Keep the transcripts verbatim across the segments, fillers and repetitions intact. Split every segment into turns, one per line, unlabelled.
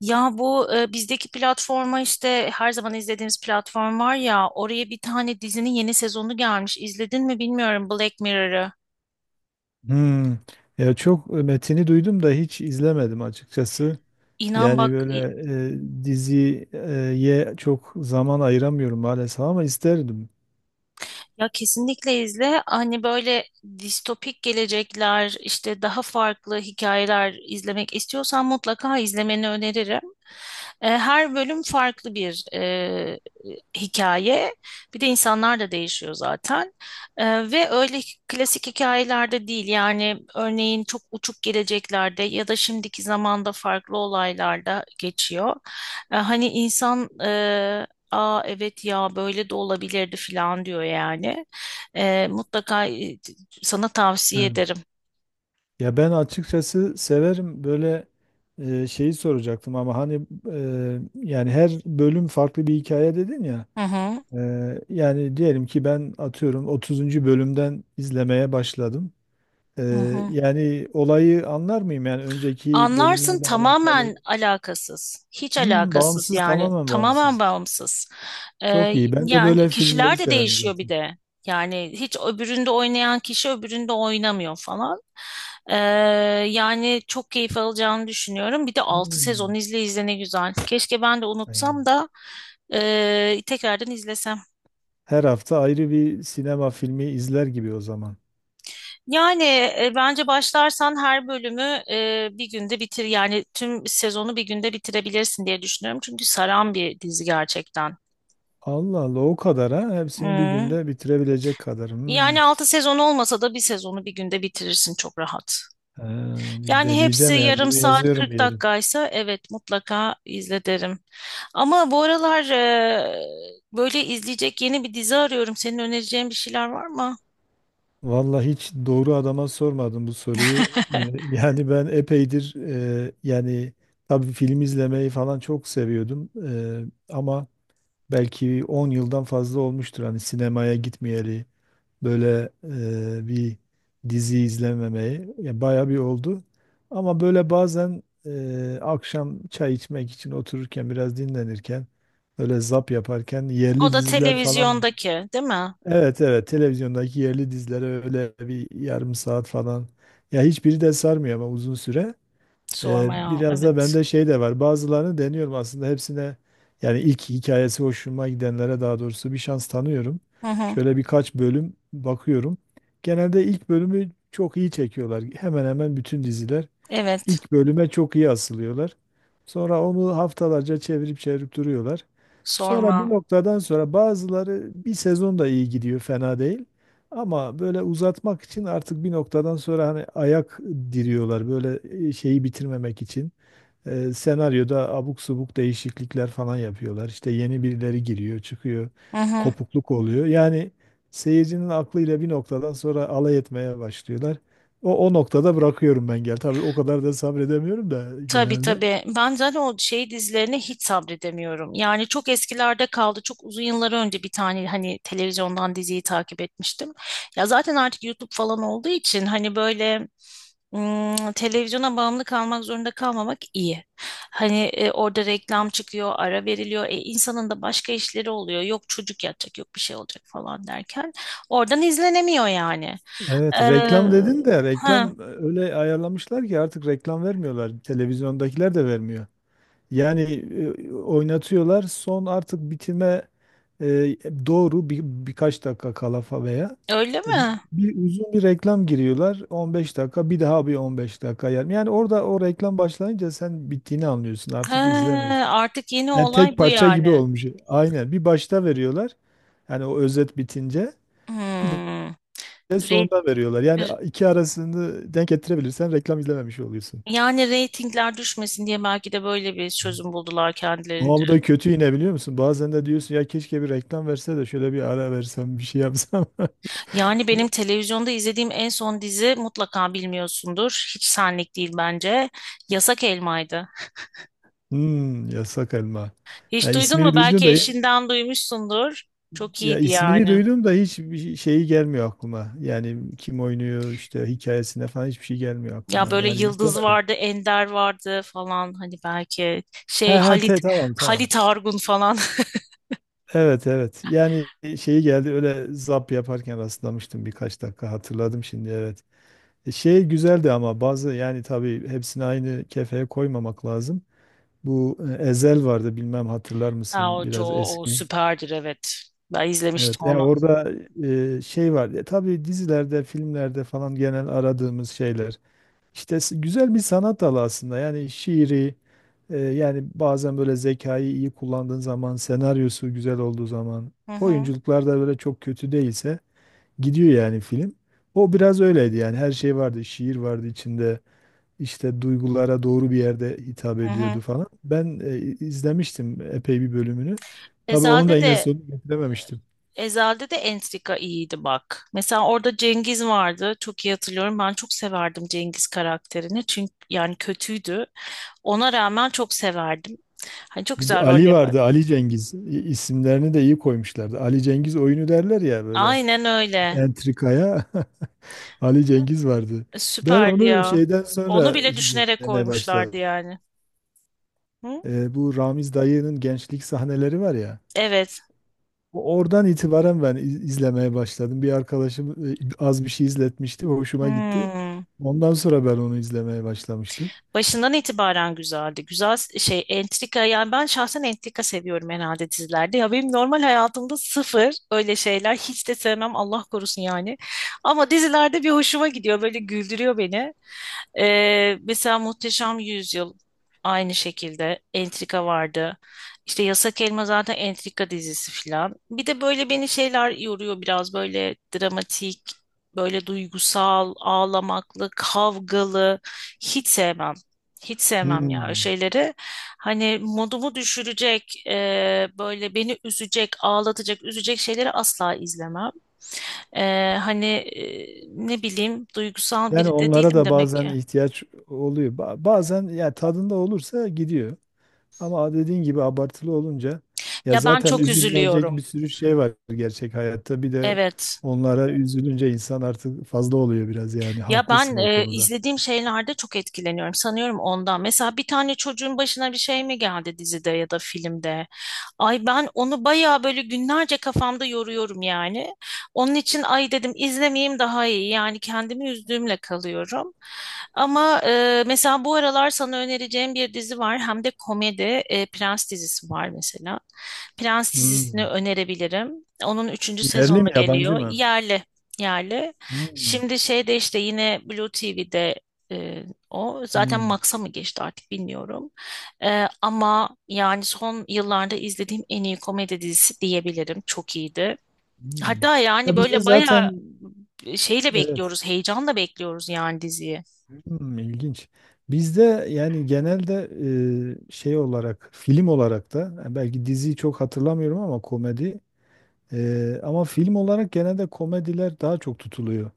Ya bu e, bizdeki platforma işte her zaman izlediğimiz platform var ya oraya bir tane dizinin yeni sezonu gelmiş. İzledin mi bilmiyorum Black Mirror'ı.
Hmm. Ya çok e, metini duydum da hiç izlemedim açıkçası.
İnan
Yani
bak
böyle
i-
e, diziye çok zaman ayıramıyorum maalesef ama isterdim.
ya kesinlikle izle. Hani böyle distopik gelecekler işte daha farklı hikayeler izlemek istiyorsan mutlaka izlemeni öneririm. E, Her bölüm farklı bir e, hikaye. Bir de insanlar da değişiyor zaten. Ee, ve öyle klasik hikayelerde değil. Yani örneğin çok uçuk geleceklerde ya da şimdiki zamanda farklı olaylarda geçiyor. Ee, hani insan e, aa evet ya böyle de olabilirdi falan diyor yani. Ee, mutlaka e, sana tavsiye
Evet.
ederim.
Ya ben açıkçası severim böyle e, şeyi soracaktım ama hani e, yani her bölüm farklı bir hikaye dedin ya.
Hı hı.
E, Yani diyelim ki ben atıyorum otuzuncu bölümden izlemeye başladım. E,
Hı hı.
Yani olayı anlar mıyım? Yani önceki
Anlarsın,
bölümlerle alakalı.
tamamen alakasız. Hiç
Hmm,
alakasız
bağımsız
yani.
tamamen
Tamamen
bağımsız.
bağımsız. Ee,
Çok iyi. Ben de
yani
böyle filmleri
kişiler de
severim
değişiyor bir
zaten.
de. Yani hiç öbüründe oynayan kişi öbüründe oynamıyor falan. Ee, Yani çok keyif alacağını düşünüyorum. Bir de altı sezon
Hmm,
izle izle ne güzel. Keşke ben de
Yani
unutsam da e, tekrardan izlesem.
her hafta ayrı bir sinema filmi izler gibi o zaman.
Yani e, bence başlarsan her bölümü e, bir günde bitir, yani tüm sezonu bir günde bitirebilirsin diye düşünüyorum. Çünkü saran bir dizi gerçekten.
Allah Allah, o kadar ha. Hepsini bir
Hmm.
günde bitirebilecek kadar. Hmm.
Yani altı sezon olmasa da bir sezonu bir günde bitirirsin çok rahat.
Ha, bir
Yani hepsi
deneyeceğim, yani
yarım
bunu
saat
yazıyorum
kırk
bir yere.
dakikaysa evet mutlaka izle derim. Ama bu aralar e, böyle izleyecek yeni bir dizi arıyorum. Senin önereceğin bir şeyler var mı?
Vallahi hiç doğru adama sormadım bu soruyu. Ee, Yani ben epeydir e, yani tabii film izlemeyi falan çok seviyordum. Ee, ama belki on yıldan fazla olmuştur hani sinemaya gitmeyeli. Böyle e, bir dizi izlememeyi. Ya bayağı bir oldu. Ama böyle bazen e, akşam çay içmek için otururken biraz dinlenirken öyle zap yaparken
O
yerli
da
diziler falan,
televizyondaki, değil mi?
evet, evet, televizyondaki yerli dizilere öyle bir yarım saat falan, ya hiçbiri de sarmıyor ama uzun süre. Ee,
Sormaya.
biraz da
Evet.
bende şey de var. Bazılarını deniyorum aslında hepsine, yani ilk hikayesi hoşuma gidenlere, daha doğrusu bir şans tanıyorum.
Hı hı.
Şöyle birkaç bölüm bakıyorum. Genelde ilk bölümü çok iyi çekiyorlar. Hemen hemen bütün diziler.
Evet.
İlk bölüme çok iyi asılıyorlar. Sonra onu haftalarca çevirip çevirip duruyorlar. Sonra bir
Sorma.
noktadan sonra bazıları bir sezon da iyi gidiyor, fena değil. Ama böyle uzatmak için artık bir noktadan sonra hani ayak diriyorlar böyle e, şeyi bitirmemek için. E, senaryoda abuk subuk değişiklikler falan yapıyorlar. İşte yeni birileri giriyor, çıkıyor,
Hı hı.
kopukluk oluyor. Yani seyircinin aklıyla bir noktadan sonra alay etmeye başlıyorlar. O, o noktada bırakıyorum ben, gel. Tabii o kadar da sabredemiyorum da
Tabii
genelde.
tabii. Ben zaten o şey dizilerine hiç sabredemiyorum. Yani çok eskilerde kaldı. Çok uzun yıllar önce bir tane hani televizyondan diziyi takip etmiştim. Ya zaten artık YouTube falan olduğu için hani böyle ım, televizyona bağımlı kalmak zorunda kalmamak iyi. Hani e, orada reklam çıkıyor, ara veriliyor. E, insanın da başka işleri oluyor. Yok çocuk yatacak, yok bir şey olacak falan derken oradan izlenemiyor yani.
Evet,
Ee,
reklam dedin de
ha,
reklam öyle ayarlamışlar ki artık reklam vermiyorlar. Televizyondakiler de vermiyor. Yani e, oynatıyorlar. Son artık bitime e, doğru bir, birkaç dakika kala fa- veya
Öyle
e,
mi?
bir uzun bir reklam giriyorlar. on beş dakika, bir daha bir on beş dakika yani. Yani orada o reklam başlayınca sen bittiğini anlıyorsun.
He,
Artık izlemiyorsun.
artık yeni
Yani tek
olay bu
parça gibi
yani.
olmuş. Aynen. Bir başta veriyorlar. Yani o özet bitince bir
Hmm.
de
Re-
sonunda veriyorlar. Yani iki arasını denk getirebilirsen reklam izlememiş oluyorsun.
Yani reytingler düşmesin diye belki de böyle bir çözüm buldular
Ama
kendilerince.
bu da kötü yine, biliyor musun? Bazen de diyorsun ya, keşke bir reklam verse de şöyle bir ara versem, bir şey yapsam.
Yani benim televizyonda izlediğim en son dizi mutlaka bilmiyorsundur. Hiç senlik değil bence. Yasak Elma'ydı.
Hmm, Yasak Elma. Ya
Hiç duydun
ismini
mu?
duydum
Belki
da
eşinden duymuşsundur. Çok
Ya
iyiydi
ismini
yani.
duydum da hiç bir şey, şeyi gelmiyor aklıma. Yani kim oynuyor, işte hikayesine falan, hiçbir şey gelmiyor
Ya
aklıma.
böyle
Yani
Yıldız
izlemedim.
vardı, Ender vardı falan. Hani belki
He
şey
he, te,
Halit
tamam, tamam.
Halit Argun falan.
Evet, evet. Yani şeyi geldi, öyle zap yaparken rastlamıştım birkaç dakika, hatırladım şimdi, evet. E, Şey güzeldi ama bazı, yani tabii hepsini aynı kefeye koymamak lazım. Bu e, Ezel vardı, bilmem hatırlar
Ha,
mısın,
o,
biraz
o, o
eski.
süperdir evet. Ben izlemiştim
Evet ya,
onu.
orada e, şey var. E, tabii dizilerde, filmlerde falan genel aradığımız şeyler. İşte s- güzel bir sanat dalı aslında. Yani şiiri, e, yani bazen böyle zekayı iyi kullandığın zaman, senaryosu güzel olduğu zaman,
Hı hı.
oyunculuklar da böyle çok kötü değilse, gidiyor yani film. O biraz öyleydi, yani her şey vardı. Şiir vardı içinde, işte duygulara doğru bir yerde hitap
Hı
ediyordu
hı.
falan. Ben e, izlemiştim epey bir bölümünü. Tabii onu da
Ezel'de
yine, evet,
de
sonunu getirememiştim.
Ezel'de de entrika iyiydi bak. Mesela orada Cengiz vardı. Çok iyi hatırlıyorum. Ben çok severdim Cengiz karakterini. Çünkü yani kötüydü, ona rağmen çok severdim. Hani çok
Bir de
güzel rol
Ali
yapar.
vardı, Ali Cengiz. İ- isimlerini de iyi koymuşlardı. Ali Cengiz oyunu derler ya böyle
Aynen öyle.
entrikaya. Ali Cengiz vardı. Ben
Süperdi
onu
ya.
şeyden
Onu
sonra
bile
işte
düşünerek
demeye başladım.
koymuşlardı yani. Hı?
E, bu Ramiz dayının gençlik sahneleri var ya.
Evet.
Oradan itibaren ben iz- izlemeye başladım. Bir arkadaşım e, az bir şey izletmişti, hoşuma gitti.
Hmm.
Ondan sonra ben onu izlemeye başlamıştım.
Başından itibaren güzeldi. Güzel şey entrika, yani ben şahsen entrika seviyorum herhalde dizilerde. Ya benim normal hayatımda sıfır, öyle şeyler hiç de sevmem Allah korusun yani. Ama dizilerde bir hoşuma gidiyor, böyle güldürüyor beni. Ee, mesela Muhteşem Yüzyıl aynı şekilde entrika vardı. İşte Yasak Elma zaten entrika dizisi filan. Bir de böyle beni şeyler yoruyor biraz, böyle dramatik, böyle duygusal, ağlamaklı, kavgalı hiç sevmem. Hiç sevmem ya
Hmm.
şeyleri. Hani modumu düşürecek, e, böyle beni üzecek, ağlatacak, üzecek şeyleri asla izlemem. E, hani e, ne bileyim, duygusal
Yani
biri de
onlara
değilim
da
demek
bazen
ki.
ihtiyaç oluyor. Ba- Bazen, ya tadında olursa gidiyor. Ama dediğin gibi abartılı olunca, ya
Ya ben
zaten
çok
üzülünecek
üzülüyorum.
bir sürü şey var gerçek hayatta. Bir de
Evet.
onlara üzülünce insan artık fazla oluyor biraz, yani
Ya
haklısın
ben
o
e,
konuda.
izlediğim şeylerde çok etkileniyorum. Sanıyorum ondan. Mesela bir tane çocuğun başına bir şey mi geldi dizide ya da filmde? Ay ben onu bayağı böyle günlerce kafamda yoruyorum yani. Onun için ay dedim izlemeyeyim daha iyi. Yani kendimi üzdüğümle kalıyorum. Ama e, mesela bu aralar sana önereceğim bir dizi var. Hem de komedi e, Prens dizisi var mesela. Prens dizisini
Hmm.
önerebilirim. Onun üçüncü
Yerli mi,
sezonu
yabancı
geliyor.
mı?
Yerli. Yerli.
Hmm.
Şimdi şeyde işte yine Blue T V'de e, o zaten
Hmm.
Max'a mı geçti artık bilmiyorum. E, ama yani son yıllarda izlediğim en iyi komedi dizisi diyebilirim. Çok iyiydi.
Hmm.
Hatta
Ya
yani
bizde
böyle bayağı
zaten,
şeyle
evet.
bekliyoruz, heyecanla bekliyoruz yani diziyi.
hmm, ilginç. Bizde yani genelde e, şey olarak, film olarak da, yani belki diziyi çok hatırlamıyorum ama komedi, e, ama film olarak genelde komediler daha çok tutuluyor.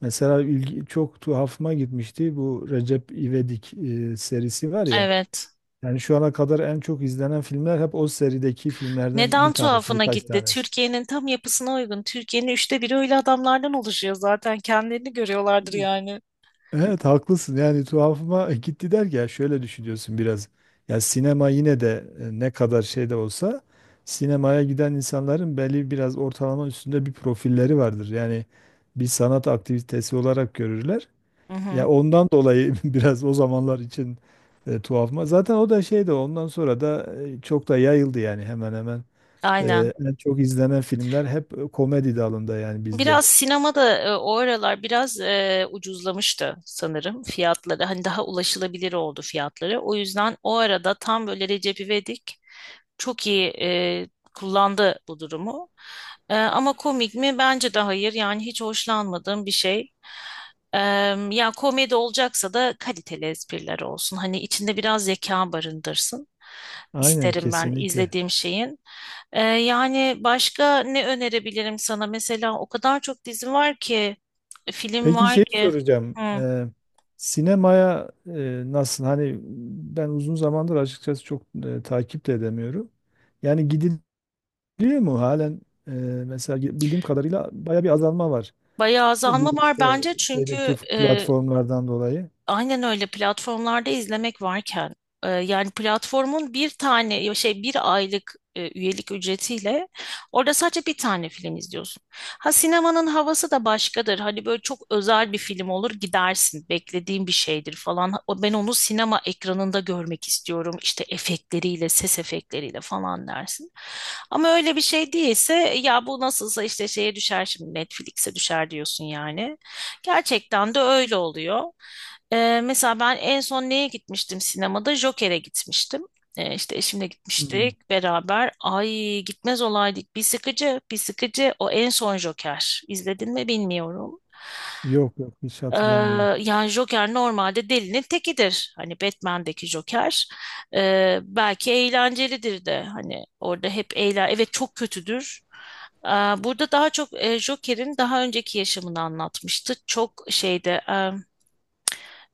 Mesela ilgi, çok tuhafıma gitmişti bu Recep İvedik e, serisi var ya.
Evet.
Yani şu ana kadar en çok izlenen filmler hep o serideki filmlerden
Neden
bir tanesi,
tuhafına
birkaç
gitti?
tanesi.
Türkiye'nin tam yapısına uygun. Türkiye'nin üçte biri öyle adamlardan oluşuyor zaten. Kendilerini görüyorlardır yani.
Evet haklısın, yani tuhafıma gitti der ki, ya şöyle düşünüyorsun biraz. Ya sinema yine de, e, ne kadar şey de olsa, sinemaya giden insanların belli biraz ortalama üstünde bir profilleri vardır. Yani bir sanat aktivitesi olarak görürler.
Hı hı.
Ya ondan dolayı biraz o zamanlar için e, tuhafıma. Zaten o da şey de ondan sonra da e, çok da yayıldı yani, hemen hemen.
Aynen.
E, en çok izlenen filmler hep e, komedi dalında yani bizde.
Biraz sinema da e, o aralar biraz e, ucuzlamıştı sanırım fiyatları. Hani daha ulaşılabilir oldu fiyatları. O yüzden o arada tam böyle Recep İvedik çok iyi e, kullandı bu durumu. E, ama komik mi? Bence de hayır. Yani hiç hoşlanmadığım bir şey. E, Ya komedi olacaksa da kaliteli espriler olsun. Hani içinde biraz zeka barındırsın.
Aynen
İsterim ben
kesinlikle.
izlediğim şeyin. Ee, yani başka ne önerebilirim sana? Mesela o kadar çok dizi var ki, film
Peki,
var
şey
ki.
soracağım.
Hı.
Ee, sinemaya e, nasıl? Hani ben uzun zamandır açıkçası çok e, takip de edemiyorum. Yani gidiliyor mu halen? E, Mesela gi- bildiğim kadarıyla baya bir azalma var.
Bayağı
De,
azalma
bu
var
işte
bence
şeydeki
çünkü e,
platformlardan dolayı.
aynen öyle, platformlarda izlemek varken e, yani platformun bir tane ya şey bir aylık e, üyelik ücretiyle orada sadece bir tane film izliyorsun. Ha, sinemanın havası da başkadır. Hani böyle çok özel bir film olur gidersin. Beklediğin bir şeydir falan. O- Ben onu sinema ekranında görmek istiyorum. İşte efektleriyle, ses efektleriyle falan dersin. Ama öyle bir şey değilse ya bu nasılsa işte şeye düşer, şimdi Netflix'e düşer diyorsun yani. Gerçekten de öyle oluyor. Ee, mesela ben en son neye gitmiştim sinemada? Joker'e gitmiştim. Ee, işte eşimle
Hmm.
gitmiştik beraber. Ay gitmez olaydık. Bir sıkıcı, bir sıkıcı. O en son Joker. İzledin mi bilmiyorum.
Yok, yok, hiç
Ee,
hatırlamıyorum.
Yani Joker normalde delinin tekidir. Hani Batman'deki Joker. Ee, belki eğlencelidir de. Hani orada hep eğlen... Evet çok kötüdür. Ee, Burada daha çok e, Joker'in daha önceki yaşamını anlatmıştı. Çok şeyde... e,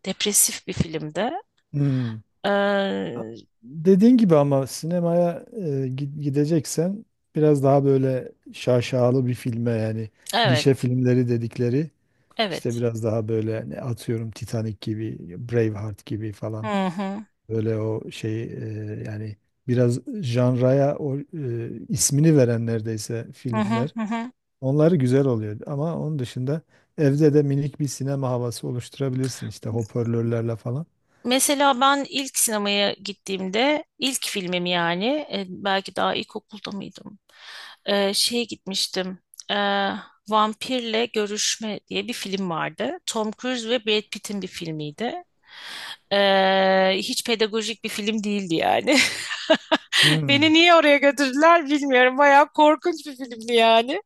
depresif bir filmdi.
Hmm.
Ee,
Dediğin gibi, ama sinemaya e, gi- gideceksen biraz daha böyle şaşalı bir filme yani, gişe
evet,
filmleri dedikleri. İşte
evet.
biraz daha böyle, ne atıyorum, Titanic gibi, Braveheart gibi falan.
Hı hı.
Böyle o şey, e, yani biraz janraya o e, ismini veren neredeyse
Hı hı
filmler.
hı. hı.
Onları güzel oluyor ama onun dışında evde de minik bir sinema havası oluşturabilirsin işte hoparlörlerle falan.
Mesela ben ilk sinemaya gittiğimde ilk filmim yani, e, belki daha ilkokulda mıydım? Ee, şeye gitmiştim. Ee, Vampirle Görüşme diye bir film vardı. Tom Cruise ve Brad Pitt'in bir filmiydi. Ee, hiç pedagojik bir film değildi yani. Beni
Hmm.
niye oraya götürdüler bilmiyorum. Bayağı korkunç bir filmdi yani.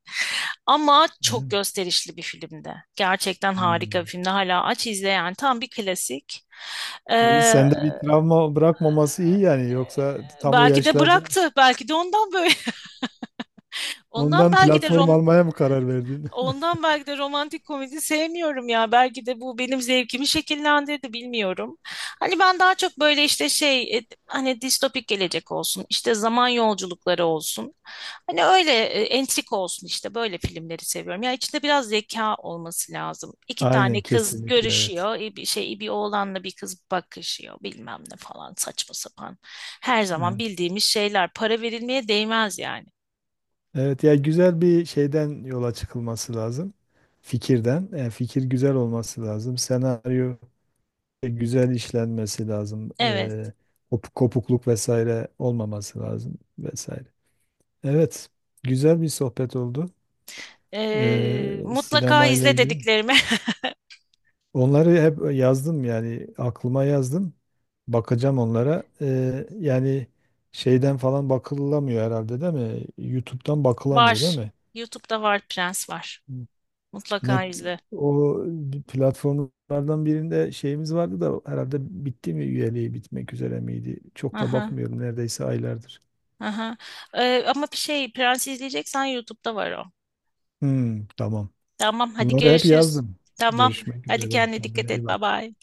Ama çok
Evet.
gösterişli bir filmdi. Gerçekten harika bir
Hmm.
filmdi. Hala aç izle yani. Tam bir klasik.
İyi,
Ee,
sende bir travma bırakmaması iyi yani, yoksa tam o
Belki de
yaşlarda
bıraktı. Belki de ondan böyle. Ondan
ondan
belki de
platform
Rom
almaya mı karar verdin?
Ondan belki de romantik komedi sevmiyorum ya. Belki de bu benim zevkimi şekillendirdi bilmiyorum. Hani ben daha çok böyle işte şey e, hani distopik gelecek olsun, işte zaman yolculukları olsun. Hani öyle e, entrik olsun, işte böyle filmleri seviyorum. Ya içinde biraz zeka olması lazım. İki tane
Aynen
kız
kesinlikle, evet.
görüşüyor, e, bir şey, bir oğlanla bir kız bakışıyor bilmem ne falan, saçma sapan. Her zaman
Evet.
bildiğimiz şeyler, para verilmeye değmez yani.
Evet ya, güzel bir şeyden yola çıkılması lazım. Fikirden. Yani fikir güzel olması lazım. Senaryo güzel işlenmesi lazım.
Evet.
Ee, kop- kopukluk vesaire olmaması lazım vesaire. Evet. Güzel bir sohbet oldu.
Ee,
Ee,
mutlaka
sinema ile
izle
ilgili.
dediklerimi
Onları hep yazdım, yani aklıma yazdım. Bakacağım onlara. Ee, yani şeyden falan bakılamıyor herhalde, değil mi? YouTube'dan
var.
bakılamıyor değil mi?
YouTube'da var, Prens var.
Net
Mutlaka izle.
O platformlardan birinde şeyimiz vardı da, herhalde bitti mi, üyeliği bitmek üzere miydi? Çok da
Aha,
bakmıyorum neredeyse aylardır.
aha. Ee, ama bir şey, Prens izleyeceksen YouTube'da var o.
Hmm, tamam.
Tamam hadi
Bunları hep
görüşürüz.
yazdım.
Tamam
Görüşmek
hadi
üzere.
kendine dikkat
Kendine iyi
et. Bye
bak.
bye.